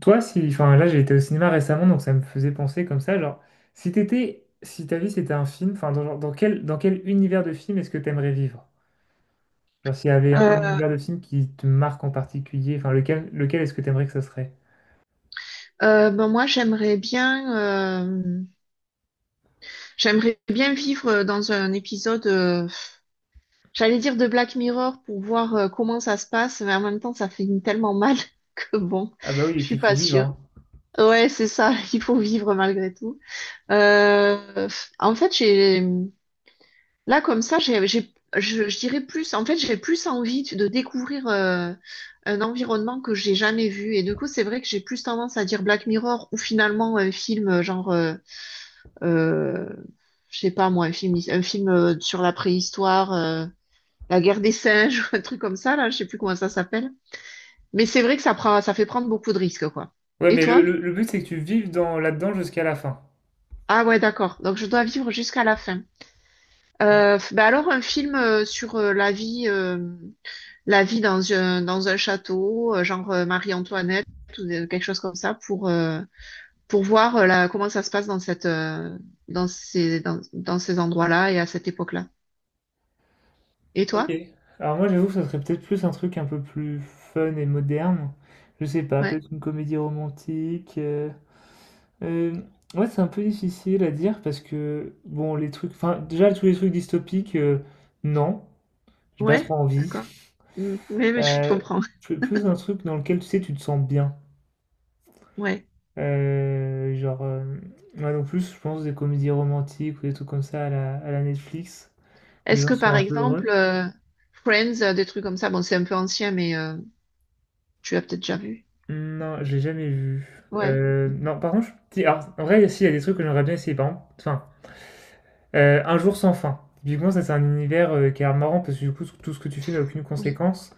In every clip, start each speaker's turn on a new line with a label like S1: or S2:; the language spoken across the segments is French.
S1: Toi, si, enfin là, j'ai été au cinéma récemment, donc ça me faisait penser comme ça, genre, si t'étais, si ta vie c'était un film, enfin, dans, genre, dans quel univers de film est-ce que t'aimerais vivre? Genre, s'il y avait un
S2: Euh,
S1: univers de film qui te marque en particulier, enfin, lequel, lequel est-ce que t'aimerais que ça serait?
S2: moi, j'aimerais bien vivre dans un épisode, j'allais dire de Black Mirror pour voir comment ça se passe, mais en même temps, ça fait tellement mal que bon,
S1: Ah bah oui, et
S2: je
S1: puis
S2: suis
S1: il faut
S2: pas
S1: vivre,
S2: sûre.
S1: hein.
S2: Ouais, c'est ça, il faut vivre malgré tout. Euh, En fait, là, comme ça, je dirais plus, en fait, j'ai plus envie de découvrir un environnement que j'ai jamais vu. Et du coup, c'est vrai que j'ai plus tendance à dire Black Mirror ou finalement un film euh, je sais pas moi, un film sur la préhistoire, la guerre des singes, ou un truc comme ça, là, je sais plus comment ça s'appelle. Mais c'est vrai que ça prend, ça fait prendre beaucoup de risques, quoi.
S1: Ouais,
S2: Et
S1: mais le,
S2: toi?
S1: le but c'est que tu vives dans, là-dedans jusqu'à la fin.
S2: Ah ouais, d'accord. Donc je dois vivre jusqu'à la fin.
S1: Mm.
S2: Bah alors un film sur la vie dans un château, Marie-Antoinette ou quelque chose comme ça, pour voir comment ça se passe dans cette dans ces endroits-là et à cette époque-là. Et
S1: Ok.
S2: toi?
S1: Alors moi, j'avoue que ça serait peut-être plus un truc un peu plus fun et moderne. Je sais pas,
S2: Ouais.
S1: peut-être une comédie romantique, Heu, ouais, c'est un peu difficile à dire parce que, bon, les trucs enfin, déjà tous les trucs dystopiques, non, j'ai pas
S2: Ouais,
S1: trop envie.
S2: d'accord. Mm. Oui, mais je
S1: Heu,
S2: comprends.
S1: je plus un truc dans lequel, tu sais, tu te sens bien.
S2: Ouais.
S1: Genre, ouais, donc plus, je pense, des comédies romantiques ou des trucs comme ça à la Netflix, où les
S2: Est-ce
S1: gens
S2: que
S1: sont
S2: par
S1: un peu
S2: exemple,
S1: heureux.
S2: Friends, des trucs comme ça, bon, c'est un peu ancien, mais tu l'as peut-être déjà vu.
S1: Non, j'ai jamais vu.
S2: Ouais,
S1: Non, par contre, je si, alors, en vrai, si, il y a des trucs que j'aimerais bien essayer. Par exemple, enfin, un jour sans fin. Typiquement, ça c'est un univers qui est marrant parce que du coup, tout ce que tu fais n'a aucune
S2: oui,
S1: conséquence.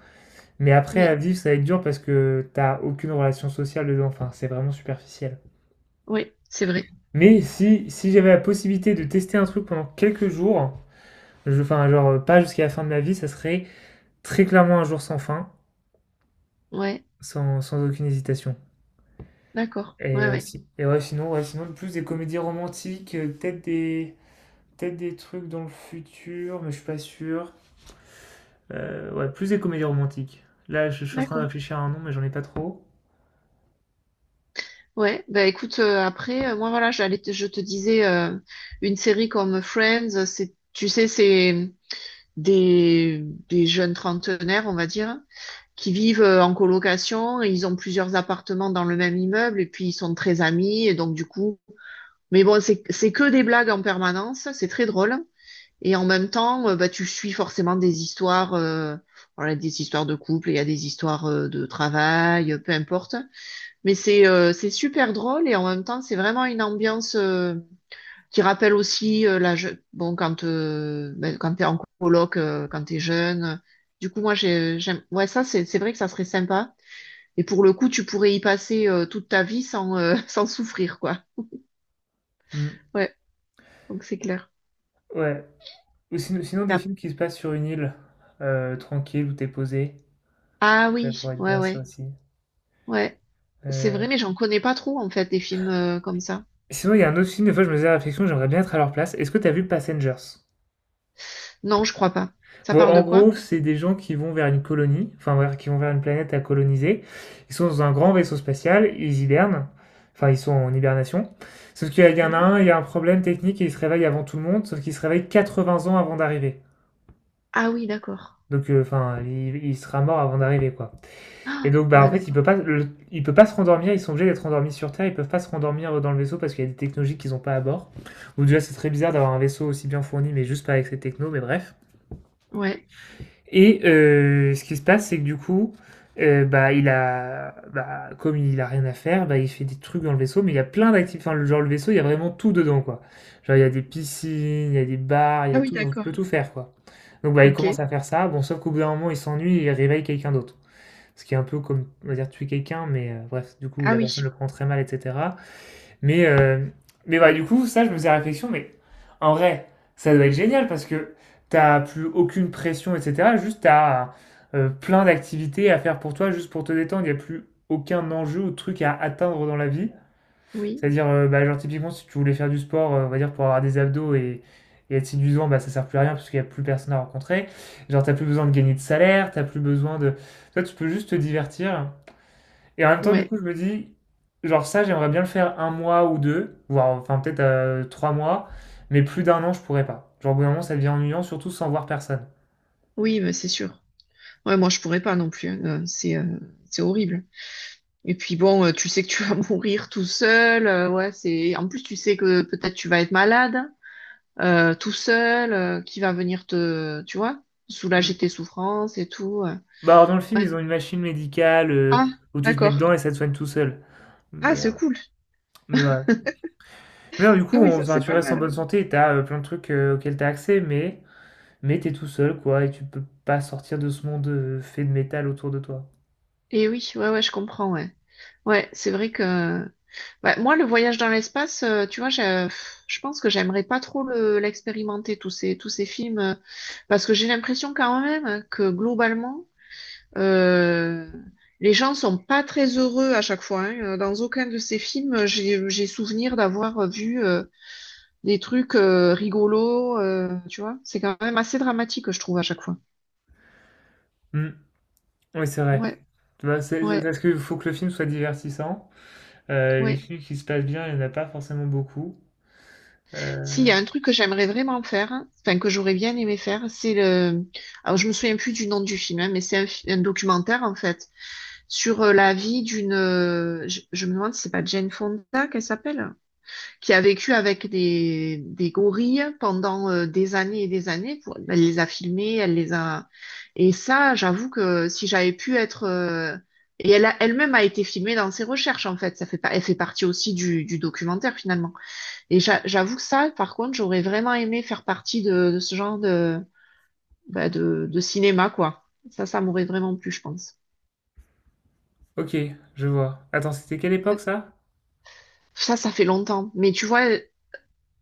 S1: Mais après, à
S2: oui,
S1: vivre, ça va être dur parce que t'as aucune relation sociale dedans. Enfin, c'est vraiment superficiel.
S2: oui, c'est vrai.
S1: Mais si, si j'avais la possibilité de tester un truc pendant quelques jours, je, enfin, pas jusqu'à la fin de ma vie, ça serait très clairement un jour sans fin,
S2: Ouais,
S1: sans aucune hésitation.
S2: d'accord.
S1: Et,
S2: Ouais, ouais,
S1: et ouais, sinon, plus des comédies romantiques, peut-être des trucs dans le futur, mais je suis pas sûr. Ouais, plus des comédies romantiques. Là, je suis en train de
S2: d'accord.
S1: réfléchir à un nom, mais j'en ai pas trop.
S2: Ouais, bah écoute, après, moi voilà, je te disais, une série comme Friends, c'est, tu sais, c'est des, des jeunes trentenaires, on va dire, qui vivent en colocation, et ils ont plusieurs appartements dans le même immeuble et puis ils sont très amis et donc du coup, mais bon, c'est que des blagues en permanence, c'est très drôle et en même temps, bah tu suis forcément des histoires voilà, des histoires de couple, il y a des histoires de travail, peu importe. Mais c'est super drôle et en même temps, c'est vraiment une ambiance qui rappelle aussi bon quand t'es en coloc, quand t'es jeune. Du coup, moi, j'aime, ouais, ça, c'est vrai que ça serait sympa. Et pour le coup, tu pourrais y passer toute ta vie sans, sans souffrir, quoi.
S1: Hmm,
S2: Ouais, donc c'est clair.
S1: ouais. Ou sinon, sinon, des
S2: Ah,
S1: films qui se passent sur une île, tranquille, où t'es posé.
S2: ah
S1: Ça
S2: oui,
S1: pourrait être
S2: ouais,
S1: bien, ça
S2: ouais,
S1: aussi.
S2: ouais. C'est
S1: Euh,
S2: vrai, mais j'en connais pas trop, en fait, des films comme ça.
S1: Sinon, il y a un autre film, des fois, je me faisais la réflexion, j'aimerais bien être à leur place. Est-ce que t'as vu Passengers?
S2: Non, je crois pas. Ça
S1: Bon,
S2: parle
S1: en
S2: de quoi?
S1: gros, c'est des gens qui vont vers une colonie, qui vont vers une planète à coloniser. Ils sont dans un grand vaisseau spatial, ils hibernent. Enfin, ils sont en hibernation. Sauf qu'il y en a
S2: Ouais.
S1: un, il y a un problème technique et il se réveille avant tout le monde, sauf qu'il se réveille vingts ans avant d'arriver.
S2: Ah oui, d'accord.
S1: Donc, enfin, il sera mort avant d'arriver, quoi. Et
S2: Ah,
S1: donc, bah,
S2: ouais,
S1: en fait,
S2: d'accord.
S1: il peut pas se rendormir. Ils sont obligés d'être endormis sur Terre. Ils peuvent pas se rendormir dans le vaisseau parce qu'il y a des technologies qu'ils ont pas à bord. Ou déjà, c'est très bizarre d'avoir un vaisseau aussi bien fourni, mais juste pas avec ces technos. Mais bref.
S2: Ouais.
S1: Et ce qui se passe, c'est que du coup, bah, comme il a rien à faire, bah, il fait des trucs dans le vaisseau, mais il y a plein d'activités. Enfin, le vaisseau, il y a vraiment tout dedans, quoi. Genre, il y a des piscines, il y a des bars, il y
S2: Ah
S1: a
S2: oui,
S1: tout, on peut
S2: d'accord.
S1: tout faire, quoi. Donc bah, il
S2: Ok.
S1: commence à faire ça, bon, sauf qu'au bout d'un moment, il s'ennuie et il réveille quelqu'un d'autre. Ce qui est un peu comme, on va dire, tuer quelqu'un, mais bref, du coup,
S2: Ah
S1: la
S2: oui,
S1: personne le prend très mal etc. Mais, euh, mais bah, du coup, ça, je me faisais réflexion, mais en vrai, ça doit être génial parce que t'as plus aucune pression, etc. Juste, t'as plein d'activités à faire pour toi, juste pour te détendre. Il n'y a plus aucun enjeu ou truc à atteindre dans la vie.
S2: oui,
S1: C'est-à-dire, bah, genre, typiquement, si tu voulais faire du sport, on va dire, pour avoir des abdos et être séduisant, bah, ça sert plus à rien parce qu'il n'y a plus personne à rencontrer. Genre, t'as plus besoin de gagner de salaire, t'as plus besoin de. Toi, tu peux juste te divertir et en même temps, du
S2: ouais.
S1: coup, je me dis, genre ça, j'aimerais bien le faire un mois ou deux, voire enfin peut-être trois mois, mais plus d'un an, je pourrais pas. Genre au bout d'un moment, ça devient ennuyant, surtout sans voir personne.
S2: Oui, mais c'est sûr. Ouais, moi, je pourrais pas non plus, hein. C'est horrible. Et puis bon, tu sais que tu vas mourir tout seul. Ouais, c'est. En plus, tu sais que peut-être tu vas être malade, tout seul, qui va venir te, tu vois, soulager
S1: Mm.
S2: tes souffrances et tout,
S1: Bah alors dans le film,
S2: Ouais.
S1: ils ont une machine médicale
S2: Ah,
S1: où tu te mets
S2: d'accord.
S1: dedans et ça te soigne tout seul.
S2: Ah,
S1: Mais, euh,
S2: c'est cool.
S1: mais voilà. Mais non, du
S2: Ah
S1: coup,
S2: oui, ça c'est
S1: tu
S2: pas
S1: restes en
S2: mal,
S1: bonne
S2: ouais.
S1: santé, t'as plein de trucs auxquels t'as accès, mais t'es tout seul quoi, et tu peux pas sortir de ce monde fait de métal autour de toi.
S2: Et oui, ouais, ouais, je comprends, ouais. Ouais, c'est vrai que bah, moi, le voyage dans l'espace, tu vois, je pense que j'aimerais pas trop l'expérimenter, tous ces films, parce que j'ai l'impression quand même que globalement, euh, les gens sont pas très heureux à chaque fois, hein. Dans aucun de ces films, j'ai souvenir d'avoir vu des trucs rigolos, tu vois. C'est quand même assez dramatique, je trouve, à chaque fois.
S1: Mm. Oui, c'est vrai.
S2: Ouais,
S1: Tu vois, c'est
S2: ouais,
S1: parce qu'il faut que le film soit divertissant. Les
S2: ouais.
S1: films qui se passent bien, il n'y en a pas forcément beaucoup.
S2: S'il y
S1: Euh,
S2: a un truc que j'aimerais vraiment faire, hein, enfin que j'aurais bien aimé faire, c'est le. Alors je me souviens plus du nom du film, hein, mais un documentaire en fait sur la vie d'une. Je me demande si c'est pas Jane Fonda qu'elle s'appelle, qui a vécu avec des gorilles pendant des années et des années. Pour, elle les a filmés, elle les a. Et ça, j'avoue que si j'avais pu être. Et elle a, elle-même a été filmée dans ses recherches, en fait. Ça fait pas, elle fait partie aussi du documentaire, finalement. Et j'avoue que ça, par contre, j'aurais vraiment aimé faire partie de ce genre de, bah, de cinéma, quoi. Ça m'aurait vraiment plu, je pense.
S1: ok, je vois. Attends, c'était quelle
S2: Ouais.
S1: époque ça?
S2: Ça fait longtemps. Mais tu vois,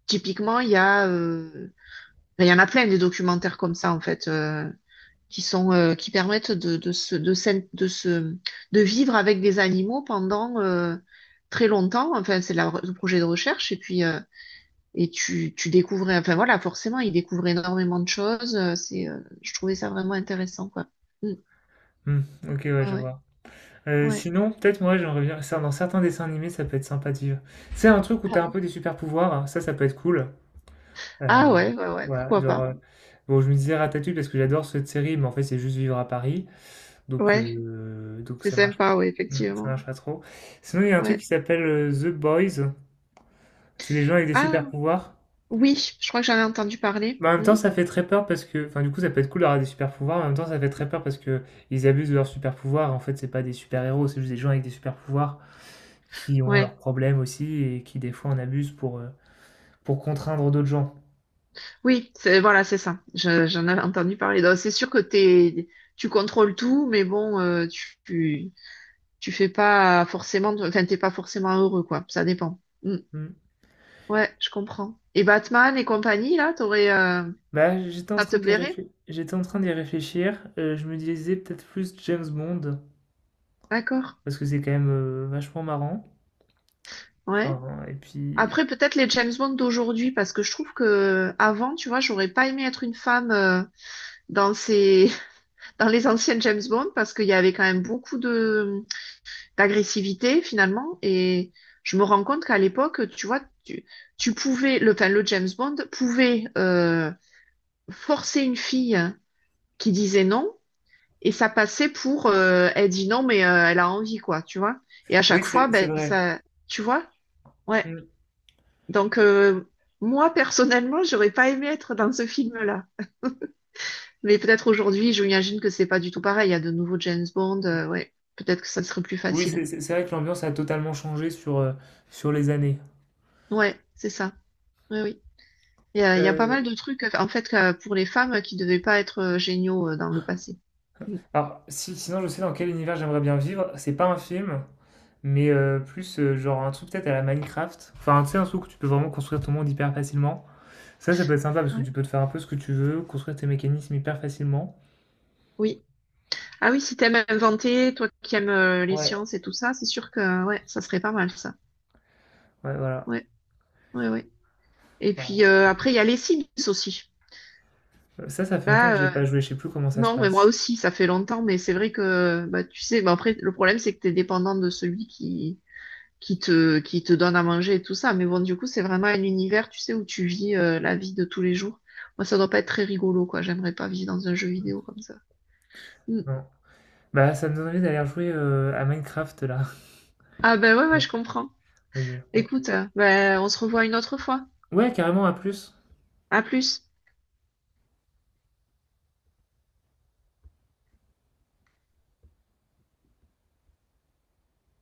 S2: typiquement, il y en a plein des documentaires comme ça, en fait, qui sont qui permettent de se, de, de vivre avec des animaux pendant très longtemps. Enfin, le projet de recherche et puis et tu découvres. Enfin voilà, forcément, ils découvrent énormément de choses. C'est je trouvais ça vraiment intéressant, quoi. Mm.
S1: Hmm, ok, ouais,
S2: Ouais,
S1: je
S2: ouais,
S1: vois.
S2: ouais.
S1: Sinon, peut-être moi, j'aimerais bien. Ça, dans certains dessins animés, ça peut être sympa de vivre. C'est un truc où
S2: Ah
S1: t'as un
S2: oui.
S1: peu des super pouvoirs, hein, ça peut être cool. Euh,
S2: Ah ouais, ouais, ouais.
S1: voilà,
S2: Pourquoi pas.
S1: bon, je me disais Ratatouille parce que j'adore cette série, mais en fait, c'est juste vivre à Paris,
S2: Ouais,
S1: donc
S2: c'est
S1: ça marche,
S2: sympa. Ouais,
S1: hmm, ça
S2: effectivement.
S1: marche pas trop. Sinon, il y a un truc
S2: Ouais.
S1: qui s'appelle The Boys. C'est des gens avec des
S2: Ah
S1: super pouvoirs.
S2: oui, je crois que j'en ai entendu parler.
S1: Mais en même
S2: Mm.
S1: temps, ça fait très peur parce que, enfin, du coup, ça peut être cool d'avoir des super pouvoirs. Mais en même temps, ça fait très peur parce que ils abusent de leurs super pouvoirs. En fait, c'est pas des super héros, c'est juste des gens avec des super pouvoirs qui ont leurs
S2: Ouais.
S1: problèmes aussi et qui des fois en abusent pour contraindre d'autres gens.
S2: Oui, c'est, voilà, c'est ça. J'en avais entendu parler. Donc, c'est sûr que t'es, tu contrôles tout, mais bon, tu, tu fais pas forcément, enfin, t'es pas forcément heureux, quoi. Ça dépend. Mm.
S1: Hmm.
S2: Ouais, je comprends. Et Batman et compagnie, là, t'aurais,
S1: Bah, j'étais en
S2: ça te
S1: train d'y
S2: plairait?
S1: réfléchir. J'étais en train d'y réfléchir. Je me disais peut-être plus James Bond
S2: D'accord.
S1: parce que c'est quand même vachement marrant.
S2: Ouais.
S1: Enfin, et puis.
S2: Après, peut-être les James Bond d'aujourd'hui, parce que je trouve que avant, tu vois, j'aurais pas aimé être une femme dans ces, dans les anciennes James Bond, parce qu'il y avait quand même beaucoup de, d'agressivité finalement. Et je me rends compte qu'à l'époque, tu vois, tu pouvais, enfin, le James Bond pouvait forcer une fille qui disait non, et ça passait pour, elle dit non, mais elle a envie, quoi, tu vois. Et à
S1: Oui,
S2: chaque fois,
S1: c'est
S2: ben,
S1: vrai.
S2: ça, tu vois, ouais.
S1: Hmm.
S2: Donc, moi, personnellement, j'aurais pas aimé être dans ce film-là. Mais peut-être aujourd'hui, je m'imagine que c'est pas du tout pareil. Il y a de nouveaux James Bond, ouais. Peut-être que ça serait plus
S1: Oui, c'est
S2: facile.
S1: c'est- c'est vrai que l'ambiance a totalement changé sur sur les années.
S2: Ouais, c'est ça. Oui, oui. Il y a pas
S1: Euh,
S2: mal de trucs, en fait, pour les femmes qui devaient pas être géniaux dans le passé. Mm.
S1: Alors, si, sinon, je sais dans quel univers j'aimerais bien vivre. C'est pas un film, mais plus genre un truc peut-être à la Minecraft. Enfin, tu sais, un truc où tu peux vraiment construire ton monde hyper facilement. Ça peut être sympa parce que
S2: Ouais.
S1: tu peux te faire un peu ce que tu veux, construire tes mécanismes hyper facilement.
S2: Oui. Ah oui, si t'aimes inventer, toi qui aimes les
S1: Ouais.
S2: sciences et tout ça, c'est sûr que ouais, ça serait pas mal ça.
S1: Ouais, voilà.
S2: Ouais, ouais, ouais. Et puis
S1: Voilà.
S2: après, il y a les Sims aussi.
S1: Ça, ça fait longtemps que j'ai
S2: Là, euh,
S1: pas joué, je sais plus comment ça se
S2: non, mais moi
S1: passe.
S2: aussi, ça fait longtemps, mais c'est vrai que bah tu sais, bah, après, le problème, c'est que t'es dépendant de celui qui, qui te donne à manger et tout ça. Mais bon, du coup, c'est vraiment un univers, tu sais, où tu vis la vie de tous les jours. Moi, ça doit pas être très rigolo, quoi. J'aimerais pas vivre dans un jeu vidéo comme ça. Mm.
S1: Non. Bah, ça me donne envie d'aller jouer à Minecraft là.
S2: Ah ben ouais, ouais,
S1: Ouais,
S2: je comprends.
S1: ouais, ouais.
S2: Écoute, ben, on se revoit une autre fois.
S1: Ouais, carrément, à plus.
S2: À plus.